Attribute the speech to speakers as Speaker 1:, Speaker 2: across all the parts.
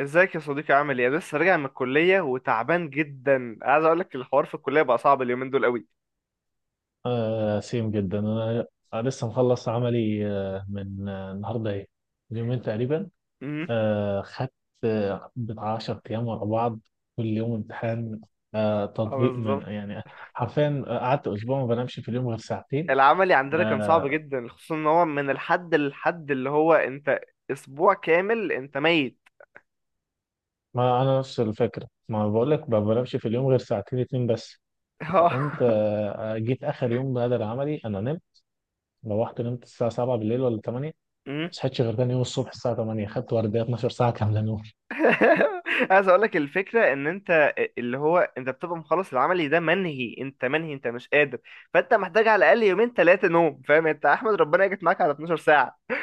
Speaker 1: ازيك يا صديقي، عامل ايه؟ أنا لسه راجع من الكليه وتعبان جدا. عايز اقول لك الحوار في الكليه بقى صعب اليومين دول قوي.
Speaker 2: آه، سيم جدا انا. أنا لسه مخلص عملي من النهارده ايه، من يومين تقريبا.
Speaker 1: امم.
Speaker 2: خدت بتاع 10 ايام ورا بعض، كل يوم امتحان.
Speaker 1: اه،
Speaker 2: تطبيق من
Speaker 1: بالظبط.
Speaker 2: يعني، حرفيا قعدت اسبوع ما بنامش في اليوم غير ساعتين.
Speaker 1: العملي عندنا كان صعب
Speaker 2: آه
Speaker 1: جدا، خصوصا ان هو من الحد للحد اللي هو انت. اسبوع كامل انت ميت.
Speaker 2: ما انا نفس الفكره، ما بقول لك ما بنامش في اليوم غير ساعتين اتنين بس. فقمت
Speaker 1: اه.
Speaker 2: جيت اخر يوم بهدر العملي، انا نمت. روحت نمت الساعه 7 بالليل ولا 8، ما
Speaker 1: امم.
Speaker 2: صحيتش غير تاني يوم الصبح الساعه 8، خدت ورديه 12 ساعه كامله.
Speaker 1: عايز اقول لك الفكره ان انت اللي هو انت بتبقى مخلص العملي ده، منهي انت منهي انت مش قادر. فانت محتاج على الاقل يومين ثلاثه نوم، فاهم؟ انت احمد ربنا جت معاك على 12 ساعه.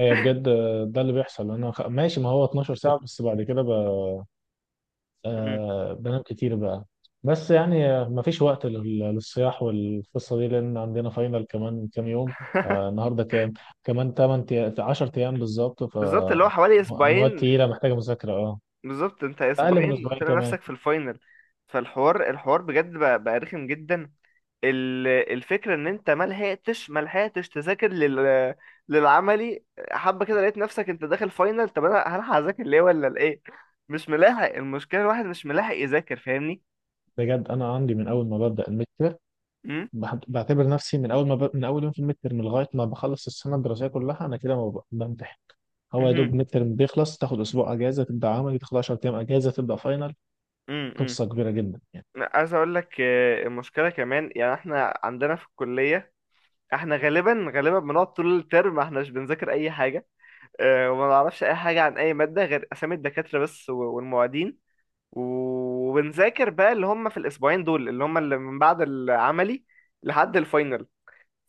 Speaker 2: هي بجد ده اللي بيحصل. ماشي، ما هو 12 ساعة، بس بعد كده
Speaker 1: امم.
Speaker 2: بنام كتير بقى. بس يعني مفيش وقت للصياح والقصة دي، لأن عندنا فاينل كمان كام يوم. النهاردة كام؟ كمان 8، 10 أيام بالظبط ف،
Speaker 1: بالظبط، اللي هو حوالي
Speaker 2: مواد
Speaker 1: اسبوعين.
Speaker 2: تقيلة محتاجة مذاكرة
Speaker 1: بالظبط، انت
Speaker 2: أقل من
Speaker 1: اسبوعين
Speaker 2: أسبوعين
Speaker 1: وتلاقي
Speaker 2: كمان.
Speaker 1: نفسك في الفاينل. فالحوار الحوار بجد بقى رخم جدا. الفكره ان انت ما لحقتش تذاكر للعملي. حبه كده لقيت نفسك انت داخل فاينل، طب انا هلحق اذاكر ليه ولا لايه؟ مش ملاحق، المشكله الواحد مش ملاحق يذاكر، فاهمني؟
Speaker 2: بجد أنا عندي من أول ما ببدأ المتر،
Speaker 1: امم.
Speaker 2: بعتبر نفسي من أول ما ب... من أول يوم في المتر، من لغاية ما بخلص السنة الدراسية كلها، أنا كده ما ب... بمتحن. هو يا
Speaker 1: امم.
Speaker 2: دوب ميد ترم بيخلص، تاخد اسبوع اجازه، تبدا عملي، تاخد 10 ايام اجازه، تبدا فاينل.
Speaker 1: امم.
Speaker 2: قصه كبيره جدا يعني.
Speaker 1: عايز اقول لك، المشكله كمان، يعني احنا عندنا في الكليه، احنا غالبا غالبا بنقعد طول الترم احنا مش بنذاكر اي حاجه. وما نعرفش اي حاجه عن اي ماده غير اسامي الدكاتره بس والمعيدين. وبنذاكر بقى اللي هم في الاسبوعين دول، اللي هم اللي من بعد العملي لحد الفاينل.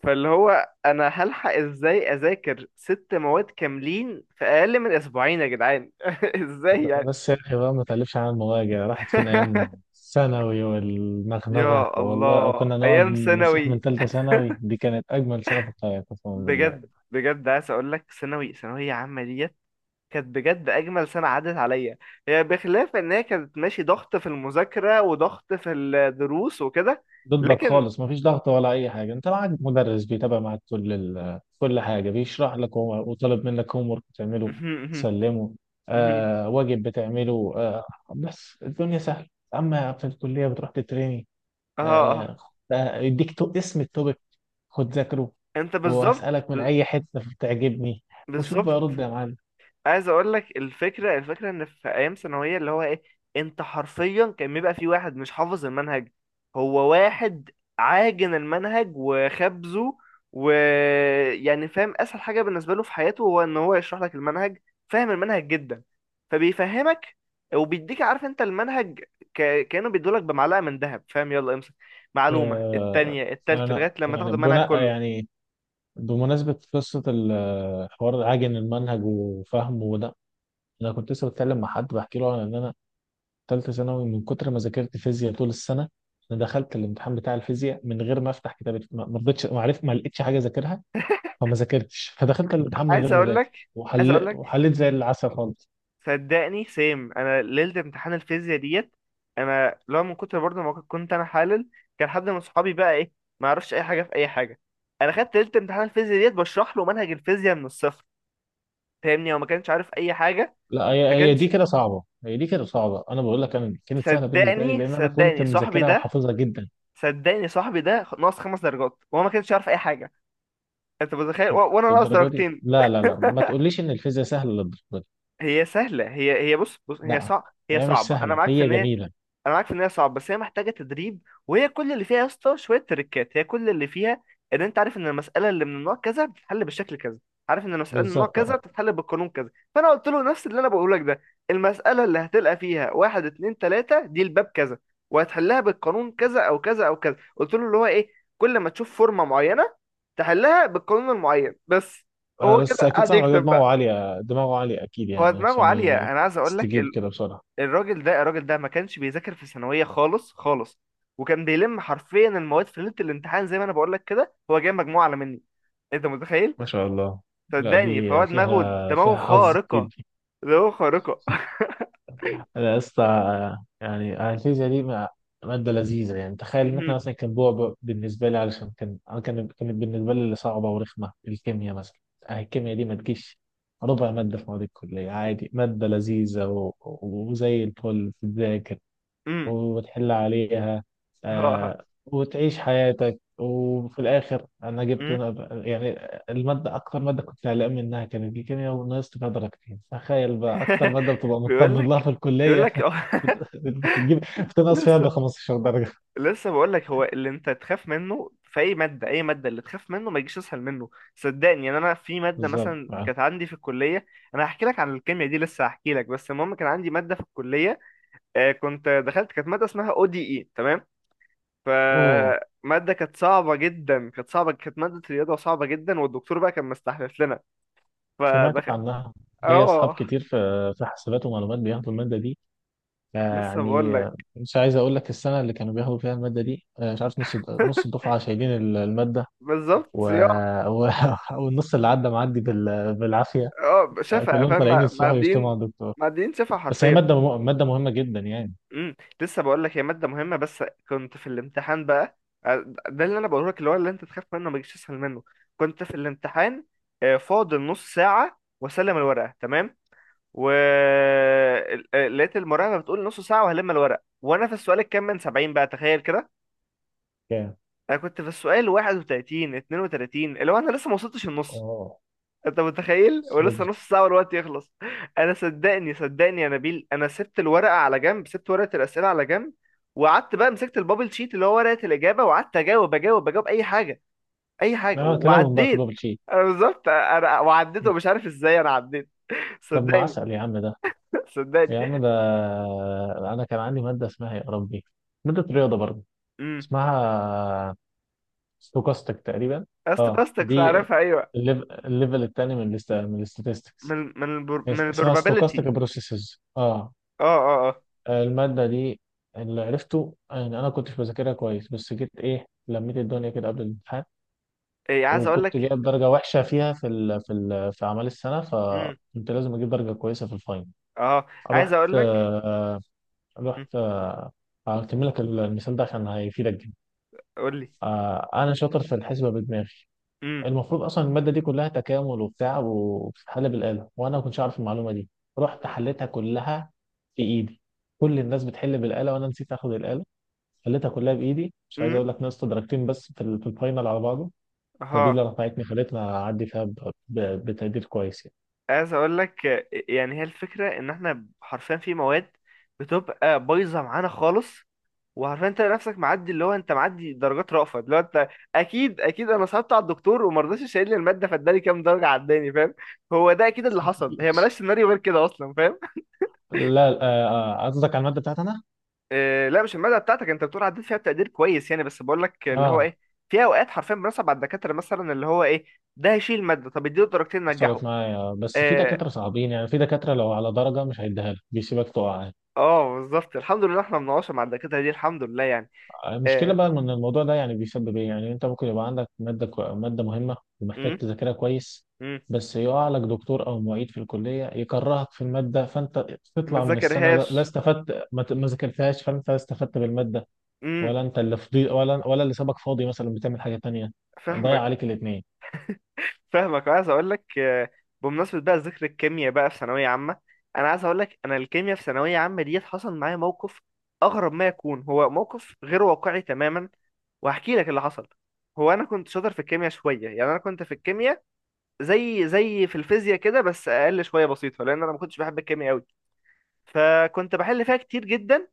Speaker 1: فاللي هو انا هلحق ازاي اذاكر ست مواد كاملين في اقل من اسبوعين يا جدعان؟ ازاي يعني؟
Speaker 2: بس يا اخي بقى، ما تقلبش على المواجع، راحت فينا ايام ثانوي والنغنغه،
Speaker 1: يا
Speaker 2: والله أو
Speaker 1: الله
Speaker 2: كنا نقعد
Speaker 1: ايام
Speaker 2: نصيح. من
Speaker 1: ثانوي.
Speaker 2: ثالثه ثانوي، دي كانت اجمل سنه في الحياه قسما بالله.
Speaker 1: بجد بجد عايز اقول لك، ثانوي ثانويه عامه ديت كانت بجد اجمل سنه عدت عليا. هي بخلاف ان هي كانت، ماشي، ضغط في المذاكره وضغط في الدروس وكده،
Speaker 2: ضدك
Speaker 1: لكن…
Speaker 2: خالص، مفيش ضغط ولا اي حاجه، انت معاك مدرس بيتابع معاك كل حاجه، بيشرح لك هو، وطالب منك هوم ورك بتعمله تسلمه. واجب بتعمله بس الدنيا سهله، اما في الكليه بتروح تتريني.
Speaker 1: اه، اه.
Speaker 2: آه. يديك اسم التوبيك، خد ذاكره،
Speaker 1: انت بالظبط
Speaker 2: وهسالك من اي حته تعجبني، وشوف
Speaker 1: بالظبط.
Speaker 2: بقى رد يا معلم.
Speaker 1: عايز اقول لك، الفكره ان في ايام ثانويه اللي هو ايه، انت حرفيا كان بيبقى في واحد مش حافظ المنهج، هو واحد عاجن المنهج وخبزه، ويعني فاهم اسهل حاجه بالنسبه له في حياته هو ان هو يشرح لك المنهج. فاهم المنهج جدا، فبيفهمك وبيديك، عارف انت، المنهج. كانه بيدولك بمعلقه من ذهب، فاهم، يلا امسك. معلومه،
Speaker 2: آه.
Speaker 1: التانية، التالتة،
Speaker 2: انا
Speaker 1: لغايه لما تاخد
Speaker 2: يعني
Speaker 1: المنهج
Speaker 2: بناء
Speaker 1: كله.
Speaker 2: يعني، بمناسبة قصة الحوار عاجن المنهج وفهمه، انا كنت لسه بتكلم مع حد بحكي له عن ان انا ثالثه ثانوي، من كتر ما ذاكرت فيزياء طول السنه، انا دخلت الامتحان بتاع الفيزياء من غير ما افتح كتاب، ما رضيتش، ما عرفت، ما لقيتش حاجه اذاكرها، فما ذاكرتش، فدخلت الامتحان من غير
Speaker 1: عايز
Speaker 2: ما
Speaker 1: اقول
Speaker 2: اذاكر.
Speaker 1: لك عايز اقول لك
Speaker 2: وحليت زي العسل خالص.
Speaker 1: صدقني سيم، انا ليله امتحان الفيزياء ديت، انا لو من كتر برضه ما كنت انا حالل. كان حد من صحابي بقى، ايه، ما يعرفش اي حاجه في اي حاجه. انا خدت ليله امتحان الفيزياء ديت بشرح له منهج الفيزياء من الصفر. فاهمني؟ هو ما كانش عارف اي حاجه.
Speaker 2: لا، هي
Speaker 1: ما
Speaker 2: هي دي
Speaker 1: كانش.
Speaker 2: كده صعبه، هي دي كده صعبه، انا بقول لك انا كانت سهله بالنسبه لي،
Speaker 1: صدقني
Speaker 2: لان انا كنت
Speaker 1: صدقني صاحبي
Speaker 2: مذاكرها
Speaker 1: ده،
Speaker 2: وحافظها جدا
Speaker 1: صدقني صاحبي ده ناقص خمس درجات وهو ما كانش عارف اي حاجه. انت متخيل؟ وانا ناقص
Speaker 2: للدرجه دي.
Speaker 1: درجتين.
Speaker 2: لا لا لا، ما تقوليش ان الفيزياء سهله للدرجه دي.
Speaker 1: هي سهله، هي بص بص، هي
Speaker 2: لا،
Speaker 1: صعب، هي
Speaker 2: هي مش
Speaker 1: صعبه. انا
Speaker 2: سهله،
Speaker 1: معاك في
Speaker 2: هي
Speaker 1: ان هي…
Speaker 2: جميله.
Speaker 1: انا عارف ان هي صعبه، بس هي محتاجه تدريب. وهي كل اللي فيها يا اسطى شويه تريكات، هي كل اللي فيها ان انت عارف ان المساله اللي من النوع كذا بتتحل بالشكل كذا، عارف ان المساله من النوع
Speaker 2: بالظبط،
Speaker 1: كذا
Speaker 2: اه.
Speaker 1: بتتحل بالقانون كذا. فانا قلت له نفس اللي انا بقوله لك ده. المساله اللي هتلقى فيها واحد، اتنين، تلاته دي، الباب كذا، وهتحلها بالقانون كذا او كذا او كذا. قلت له اللي هو ايه، كل ما تشوف فورمه معينه تحلها بالقانون المعين بس. هو
Speaker 2: بس
Speaker 1: كده
Speaker 2: اكيد
Speaker 1: قاعد
Speaker 2: صاحبك ده
Speaker 1: يكتب
Speaker 2: دماغه
Speaker 1: بقى.
Speaker 2: عاليه، دماغه عاليه اكيد
Speaker 1: هو
Speaker 2: يعني،
Speaker 1: دماغه
Speaker 2: عشان
Speaker 1: عاليه، انا عايز اقول لك.
Speaker 2: يستجيب كده بسرعه.
Speaker 1: الراجل ده الراجل ده ما كانش بيذاكر في ثانوية خالص خالص، وكان بيلم حرفيا المواد في ليلة الامتحان، زي ما انا بقول لك كده، هو جايب مجموعة اعلى مني. انت متخيل؟
Speaker 2: ما شاء الله. لا، دي
Speaker 1: صدقني، فهو دماغه
Speaker 2: فيها
Speaker 1: دماغه
Speaker 2: فيها حظ كتير
Speaker 1: خارقة،
Speaker 2: دي.
Speaker 1: دماغه خارقة.
Speaker 2: انا يا اسطى، يعني الفيزياء دي ماده لذيذه يعني، تخيل ان احنا
Speaker 1: امم.
Speaker 2: مثلا كان بعبع بالنسبه لي، علشان كان أنا كان كانت بالنسبه لي اللي صعبه ورخمه الكيمياء مثلا. الكيمياء دي ما تجيش ربع ماده في مواد الكليه، عادي، ماده لذيذه وزي الفل تتذاكر
Speaker 1: امم.
Speaker 2: وتحل عليها.
Speaker 1: ها.
Speaker 2: وتعيش حياتك، وفي الآخر أنا جبت،
Speaker 1: امم.
Speaker 2: يعني، المادة أكتر مادة كنت قلقان منها كانت الكيمياء، ونقصت فيها درجتين. تخيل بقى، أكتر مادة بتبقى
Speaker 1: بيقول
Speaker 2: مطمن لها
Speaker 1: لك
Speaker 2: في
Speaker 1: بيقول
Speaker 2: الكلية
Speaker 1: لك
Speaker 2: بتجيب، بتنقص فيها
Speaker 1: لسه،
Speaker 2: ب 15 درجة.
Speaker 1: لسه بقول لك، هو اللي انت تخاف منه في اي ماده، اي ماده اللي تخاف منه ما يجيش اسهل منه. صدقني. يعني انا في ماده
Speaker 2: بالظبط،
Speaker 1: مثلا
Speaker 2: آه.
Speaker 1: كانت عندي في الكليه، انا هحكي لك عن الكيمياء دي لسه، هحكي لك بس المهم كان عندي ماده في الكليه، كنت دخلت، كانت ماده اسمها او دي اي، تمام؟
Speaker 2: أوه،
Speaker 1: فماده كانت صعبه جدا، كانت صعبه، كانت ماده رياضه صعبه جدا، والدكتور بقى كان مستحلف لنا.
Speaker 2: سمعت
Speaker 1: فدخل…
Speaker 2: عنها، ليا أصحاب
Speaker 1: اه،
Speaker 2: كتير في حسابات ومعلومات بياخدوا المادة دي
Speaker 1: لسه بقول
Speaker 2: يعني.
Speaker 1: لك.
Speaker 2: مش عايز أقول لك السنة اللي كانوا بياخدوا فيها المادة دي، مش عارف، نص نص الدفعة شايلين المادة،
Speaker 1: بالظبط،
Speaker 2: و...
Speaker 1: صياع.
Speaker 2: و... والنص اللي عدى معدي بالعافيه،
Speaker 1: اه، شفا،
Speaker 2: كلهم
Speaker 1: فاهم.
Speaker 2: طالعين يصيحوا يشتموا
Speaker 1: معديين
Speaker 2: على الدكتور.
Speaker 1: معديين شفا
Speaker 2: بس هي
Speaker 1: حرفيا.
Speaker 2: ماده ماده مهمه جدا يعني.
Speaker 1: امم. لسه بقول لك، هي ماده مهمه، بس كنت في الامتحان بقى. آه، ده اللي انا بقوله لك، اللي هو اللي انت تخاف منه ما يجيش اسهل منه. كنت في الامتحان، فاضل نص ساعه واسلم الورقه، تمام؟ و لقيت المراقبه بتقول نص ساعه وهلم الورق، وانا في السؤال الكام من 70 بقى؟ تخيل كده.
Speaker 2: كام،
Speaker 1: انا كنت في السؤال 31، 32، اللي هو انا لسه ما وصلتش النص.
Speaker 2: اه،
Speaker 1: انت متخيل؟
Speaker 2: بس
Speaker 1: ولسه
Speaker 2: بدري.
Speaker 1: نص ساعه والوقت يخلص. انا، صدقني يا نبيل، انا سبت الورقه على جنب، سبت ورقه الاسئله على جنب، وقعدت بقى مسكت البابل شيت، اللي هو ورقه الاجابه، وقعدت اجاوب، اجاوب، اجاوب اي حاجه، اي حاجه،
Speaker 2: اه، تلون بقى في البابل
Speaker 1: وعديت.
Speaker 2: شيت.
Speaker 1: انا بالظبط، انا وعديت ومش عارف ازاي انا عديت.
Speaker 2: طب ما
Speaker 1: صدقني.
Speaker 2: عسل يا عم ده، يا عم
Speaker 1: صدقني.
Speaker 2: ده. انا كان عندي ماده اسمها يا ربي، ماده رياضه برضه،
Speaker 1: امم.
Speaker 2: اسمها ستوكاستيك تقريبا. اه،
Speaker 1: استوكاستكس،
Speaker 2: دي
Speaker 1: عارفها، ايوه.
Speaker 2: الليفل التاني من الاستاتستكس،
Speaker 1: من من
Speaker 2: اسمها ستوكاستيك
Speaker 1: البروبابيلتي.
Speaker 2: بروسيسز. اه،
Speaker 1: اه، اه، اه.
Speaker 2: المادة دي اللي عرفته يعني، أنا كنتش بذاكرها كويس، بس جيت إيه لميت الدنيا كده قبل الامتحان،
Speaker 1: ايه، عايز اقول
Speaker 2: وكنت
Speaker 1: لك.
Speaker 2: جايب درجة وحشة فيها في أعمال السنة،
Speaker 1: امم.
Speaker 2: فكنت لازم أجيب درجة كويسة في الفاينل.
Speaker 1: اه، عايز
Speaker 2: رحت
Speaker 1: اقول لك.
Speaker 2: آه، رحت هكمل لك المثال ده عشان هيفيدك جدا.
Speaker 1: قول لي.
Speaker 2: أنا شاطر في الحسبة بدماغي.
Speaker 1: امم.
Speaker 2: المفروض اصلا الماده دي كلها تكامل وبتاع، وبتتحل بالاله، وانا ما كنتش اعرف المعلومه دي. رحت حليتها كلها في ايدي. كل الناس بتحل بالاله، وانا نسيت اخد الاله، حليتها كلها بايدي. مش عايز
Speaker 1: امم.
Speaker 2: اقول لك، ناقصت درجتين بس في الفاينل على بعضه. فدي اللي
Speaker 1: اها.
Speaker 2: رفعتني، خلتني اعدي فيها بتقدير كويس يعني.
Speaker 1: عايز اقول لك، يعني هي الفكره ان احنا حرفيا في مواد بتبقى بايظه معانا خالص، وعارفين انت نفسك معدي، اللي هو انت معدي درجات رأفة، اللي هو انت. اكيد اكيد انا صعبت على الدكتور، وما رضاش يشيل لي الماده، فاداني كام درجه عداني، فاهم؟ هو ده اكيد اللي حصل، هي مالهاش سيناريو غير كده اصلا، فاهم؟
Speaker 2: لا، قصدك على الماده بتاعتي انا.
Speaker 1: إيه، لا، مش الماده بتاعتك، انت بتقول عديت فيها بتقدير كويس يعني. بس بقول لك اللي هو
Speaker 2: اه،
Speaker 1: ايه، في اوقات حرفيا بنصعب على الدكاتره، مثلا، اللي هو ايه، ده هيشيل الماده، طب اديله درجتين
Speaker 2: حصلت
Speaker 1: نجحه.
Speaker 2: معايا، بس في
Speaker 1: إيه.
Speaker 2: دكاتره صعبين يعني، في دكاتره لو على درجه مش هيديها لك، بيسيبك تقع يعني.
Speaker 1: اه، بالظبط، الحمد لله احنا مناقشه مع الدكاتره دي الحمد لله، يعني.
Speaker 2: المشكلة
Speaker 1: آه.
Speaker 2: بقى من الموضوع ده يعني، بيسبب ايه يعني، انت ممكن يبقى عندك مادة مادة مهمة ومحتاج
Speaker 1: مم.
Speaker 2: تذاكرها كويس،
Speaker 1: مم.
Speaker 2: بس يقع لك دكتور او معيد في الكلية يكرهك في المادة، فانت
Speaker 1: ما
Speaker 2: تطلع من السنة، لا، لا
Speaker 1: ذاكرهاش.
Speaker 2: استفدت، ما ذاكرتهاش، فانت لا استفدت بالمادة،
Speaker 1: امم.
Speaker 2: ولا انت اللي فضي، ولا اللي سابك فاضي مثلا بتعمل حاجة تانية، ضيع
Speaker 1: فاهمك.
Speaker 2: عليك الاتنين.
Speaker 1: فاهمك. وعايز اقول لك، بمناسبه بقى ذكر الكيمياء بقى في ثانويه عامه، انا عايز اقول لك، انا الكيمياء في ثانويه عامه ديت حصل معايا موقف اغرب ما يكون، هو موقف غير واقعي تماما، وهحكي لك اللي حصل. هو انا كنت شاطر في الكيمياء شويه، يعني انا كنت في الكيمياء زي في الفيزياء كده، بس اقل شويه بسيطه، لان انا ما كنتش بحب الكيمياء قوي، فكنت بحل فيها كتير جدا.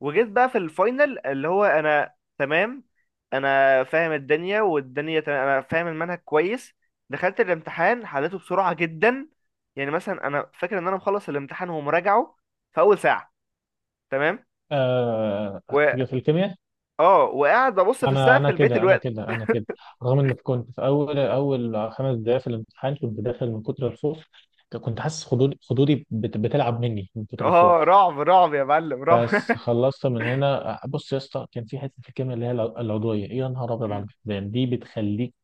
Speaker 1: وجيت بقى في الفاينل، اللي هو انا تمام، انا فاهم الدنيا والدنيا تمام، انا فاهم المنهج كويس. دخلت الامتحان حليته بسرعة جدا. يعني مثلا انا فاكر ان انا مخلص الامتحان ومراجعه في اول ساعة، تمام،
Speaker 2: آه...
Speaker 1: و
Speaker 2: في الكيمياء،
Speaker 1: اه وقاعد ببص في
Speaker 2: انا
Speaker 1: السقف
Speaker 2: انا
Speaker 1: لبقية
Speaker 2: كده، انا
Speaker 1: الوقت.
Speaker 2: كده، انا كده، رغم ان كنت في اول اول خمس دقائق في الامتحان كنت داخل من كتر الخوف، كنت حاسس خدودي خدودي بتلعب مني من كتر الخوف.
Speaker 1: اه، رعب رعب يا معلم، رعب.
Speaker 2: بس خلصت من هنا. بص يا اسطى، كان في حته في الكيمياء اللي هي العضويه، يا نهار ابيض،
Speaker 1: مم.
Speaker 2: على الفقدان دي بتخليك.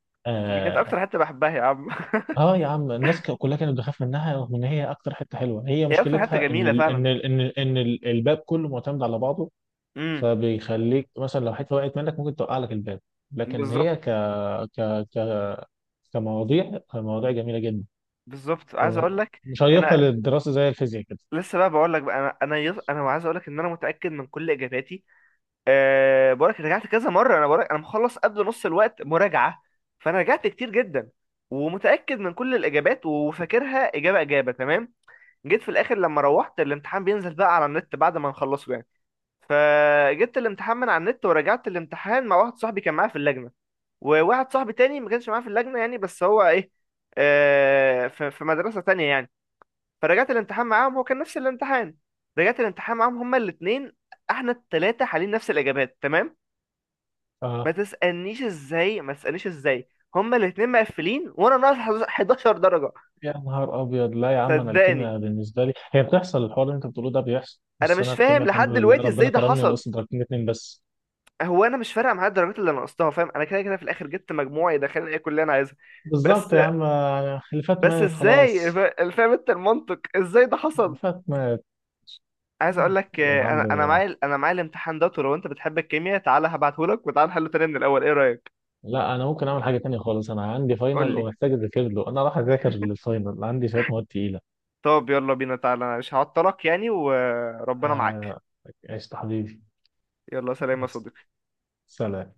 Speaker 1: دي كانت
Speaker 2: اه.
Speaker 1: اكتر حتة بحبها يا عم.
Speaker 2: اه يا عم، الناس كلها كانت بتخاف منها، رغم ان هي اكتر حته حلوه، هي
Speaker 1: هي اكتر حتة
Speaker 2: مشكلتها
Speaker 1: جميلة فعلا.
Speaker 2: الباب كله معتمد على بعضه،
Speaker 1: امم.
Speaker 2: فبيخليك مثلا لو حته وقعت منك ممكن توقع لك الباب. لكن
Speaker 1: بالظبط،
Speaker 2: هي ك ك ك كمواضيع، مواضيع جميله جدا
Speaker 1: بالظبط. عايز اقول لك،
Speaker 2: ومشيقه
Speaker 1: انا
Speaker 2: للدراسه زي الفيزياء كده.
Speaker 1: لسه بقى بقول لك بقى، انا انا عايز اقول لك ان انا متاكد من كل اجاباتي. أه، بقولك رجعت كذا مرة، أنا بقولك أنا مخلص قبل نص الوقت مراجعة، فأنا رجعت كتير جدا، ومتأكد من كل الإجابات وفاكرها إجابة إجابة، تمام. جيت في الآخر، لما روحت الامتحان بينزل بقى على النت بعد ما نخلصه يعني، فجبت الامتحان من على النت ورجعت الامتحان مع واحد صاحبي كان معايا في اللجنة، وواحد صاحبي تاني ما كانش معايا في اللجنة يعني، بس هو، إيه، أه، في مدرسة تانية يعني. فرجعت الامتحان معاهم، هو كان نفس الامتحان. رجعت الامتحان معاهم هما الاتنين، احنا التلاتة حالين نفس الإجابات، تمام. ما
Speaker 2: آه.
Speaker 1: تسألنيش ازاي، ما تسألنيش ازاي. هما الاتنين مقفلين وانا ناقص 11 درجة.
Speaker 2: يا نهار ابيض، لا يا عم، انا
Speaker 1: صدقني،
Speaker 2: الكيمياء بالنسبه لي هي بتحصل، الحوار اللي انت بتقوله ده بيحصل،
Speaker 1: انا
Speaker 2: بس انا
Speaker 1: مش
Speaker 2: الكيمياء
Speaker 1: فاهم
Speaker 2: الحمد
Speaker 1: لحد
Speaker 2: لله
Speaker 1: دلوقتي ازاي
Speaker 2: ربنا
Speaker 1: ده
Speaker 2: كرمني
Speaker 1: حصل.
Speaker 2: ونقصت درجتين اتنين بس.
Speaker 1: هو انا مش فارقة معايا الدرجات اللي انا نقصتها، فاهم؟ انا كده كده في الاخر جبت مجموعة يدخلني اي كلية انا عايزها.
Speaker 2: بالظبط
Speaker 1: بس،
Speaker 2: يا عم، اللي فات
Speaker 1: بس
Speaker 2: مات
Speaker 1: ازاي؟
Speaker 2: خلاص،
Speaker 1: فاهم انت المنطق ازاي ده
Speaker 2: اللي
Speaker 1: حصل؟
Speaker 2: فات مات.
Speaker 1: عايز اقول
Speaker 2: يلا،
Speaker 1: لك،
Speaker 2: الحمد
Speaker 1: انا
Speaker 2: لله.
Speaker 1: معايا، معايا الامتحان ده، ولو انت بتحب الكيمياء تعالى هبعته لك، وتعالى نحله تاني من الاول، ايه رأيك؟
Speaker 2: لا، انا ممكن اعمل حاجه تانية خالص، انا عندي
Speaker 1: قول
Speaker 2: فاينل
Speaker 1: لي.
Speaker 2: ومحتاج اذاكر له، انا راح اذاكر للفاينل، عندي شويه مواد تقيله.
Speaker 1: طب يلا بينا، تعالى. أنا مش هعطلك يعني، وربنا معاك.
Speaker 2: آه، عشت حبيبي.
Speaker 1: يلا سلام يا
Speaker 2: بس.
Speaker 1: صديقي.
Speaker 2: سلام.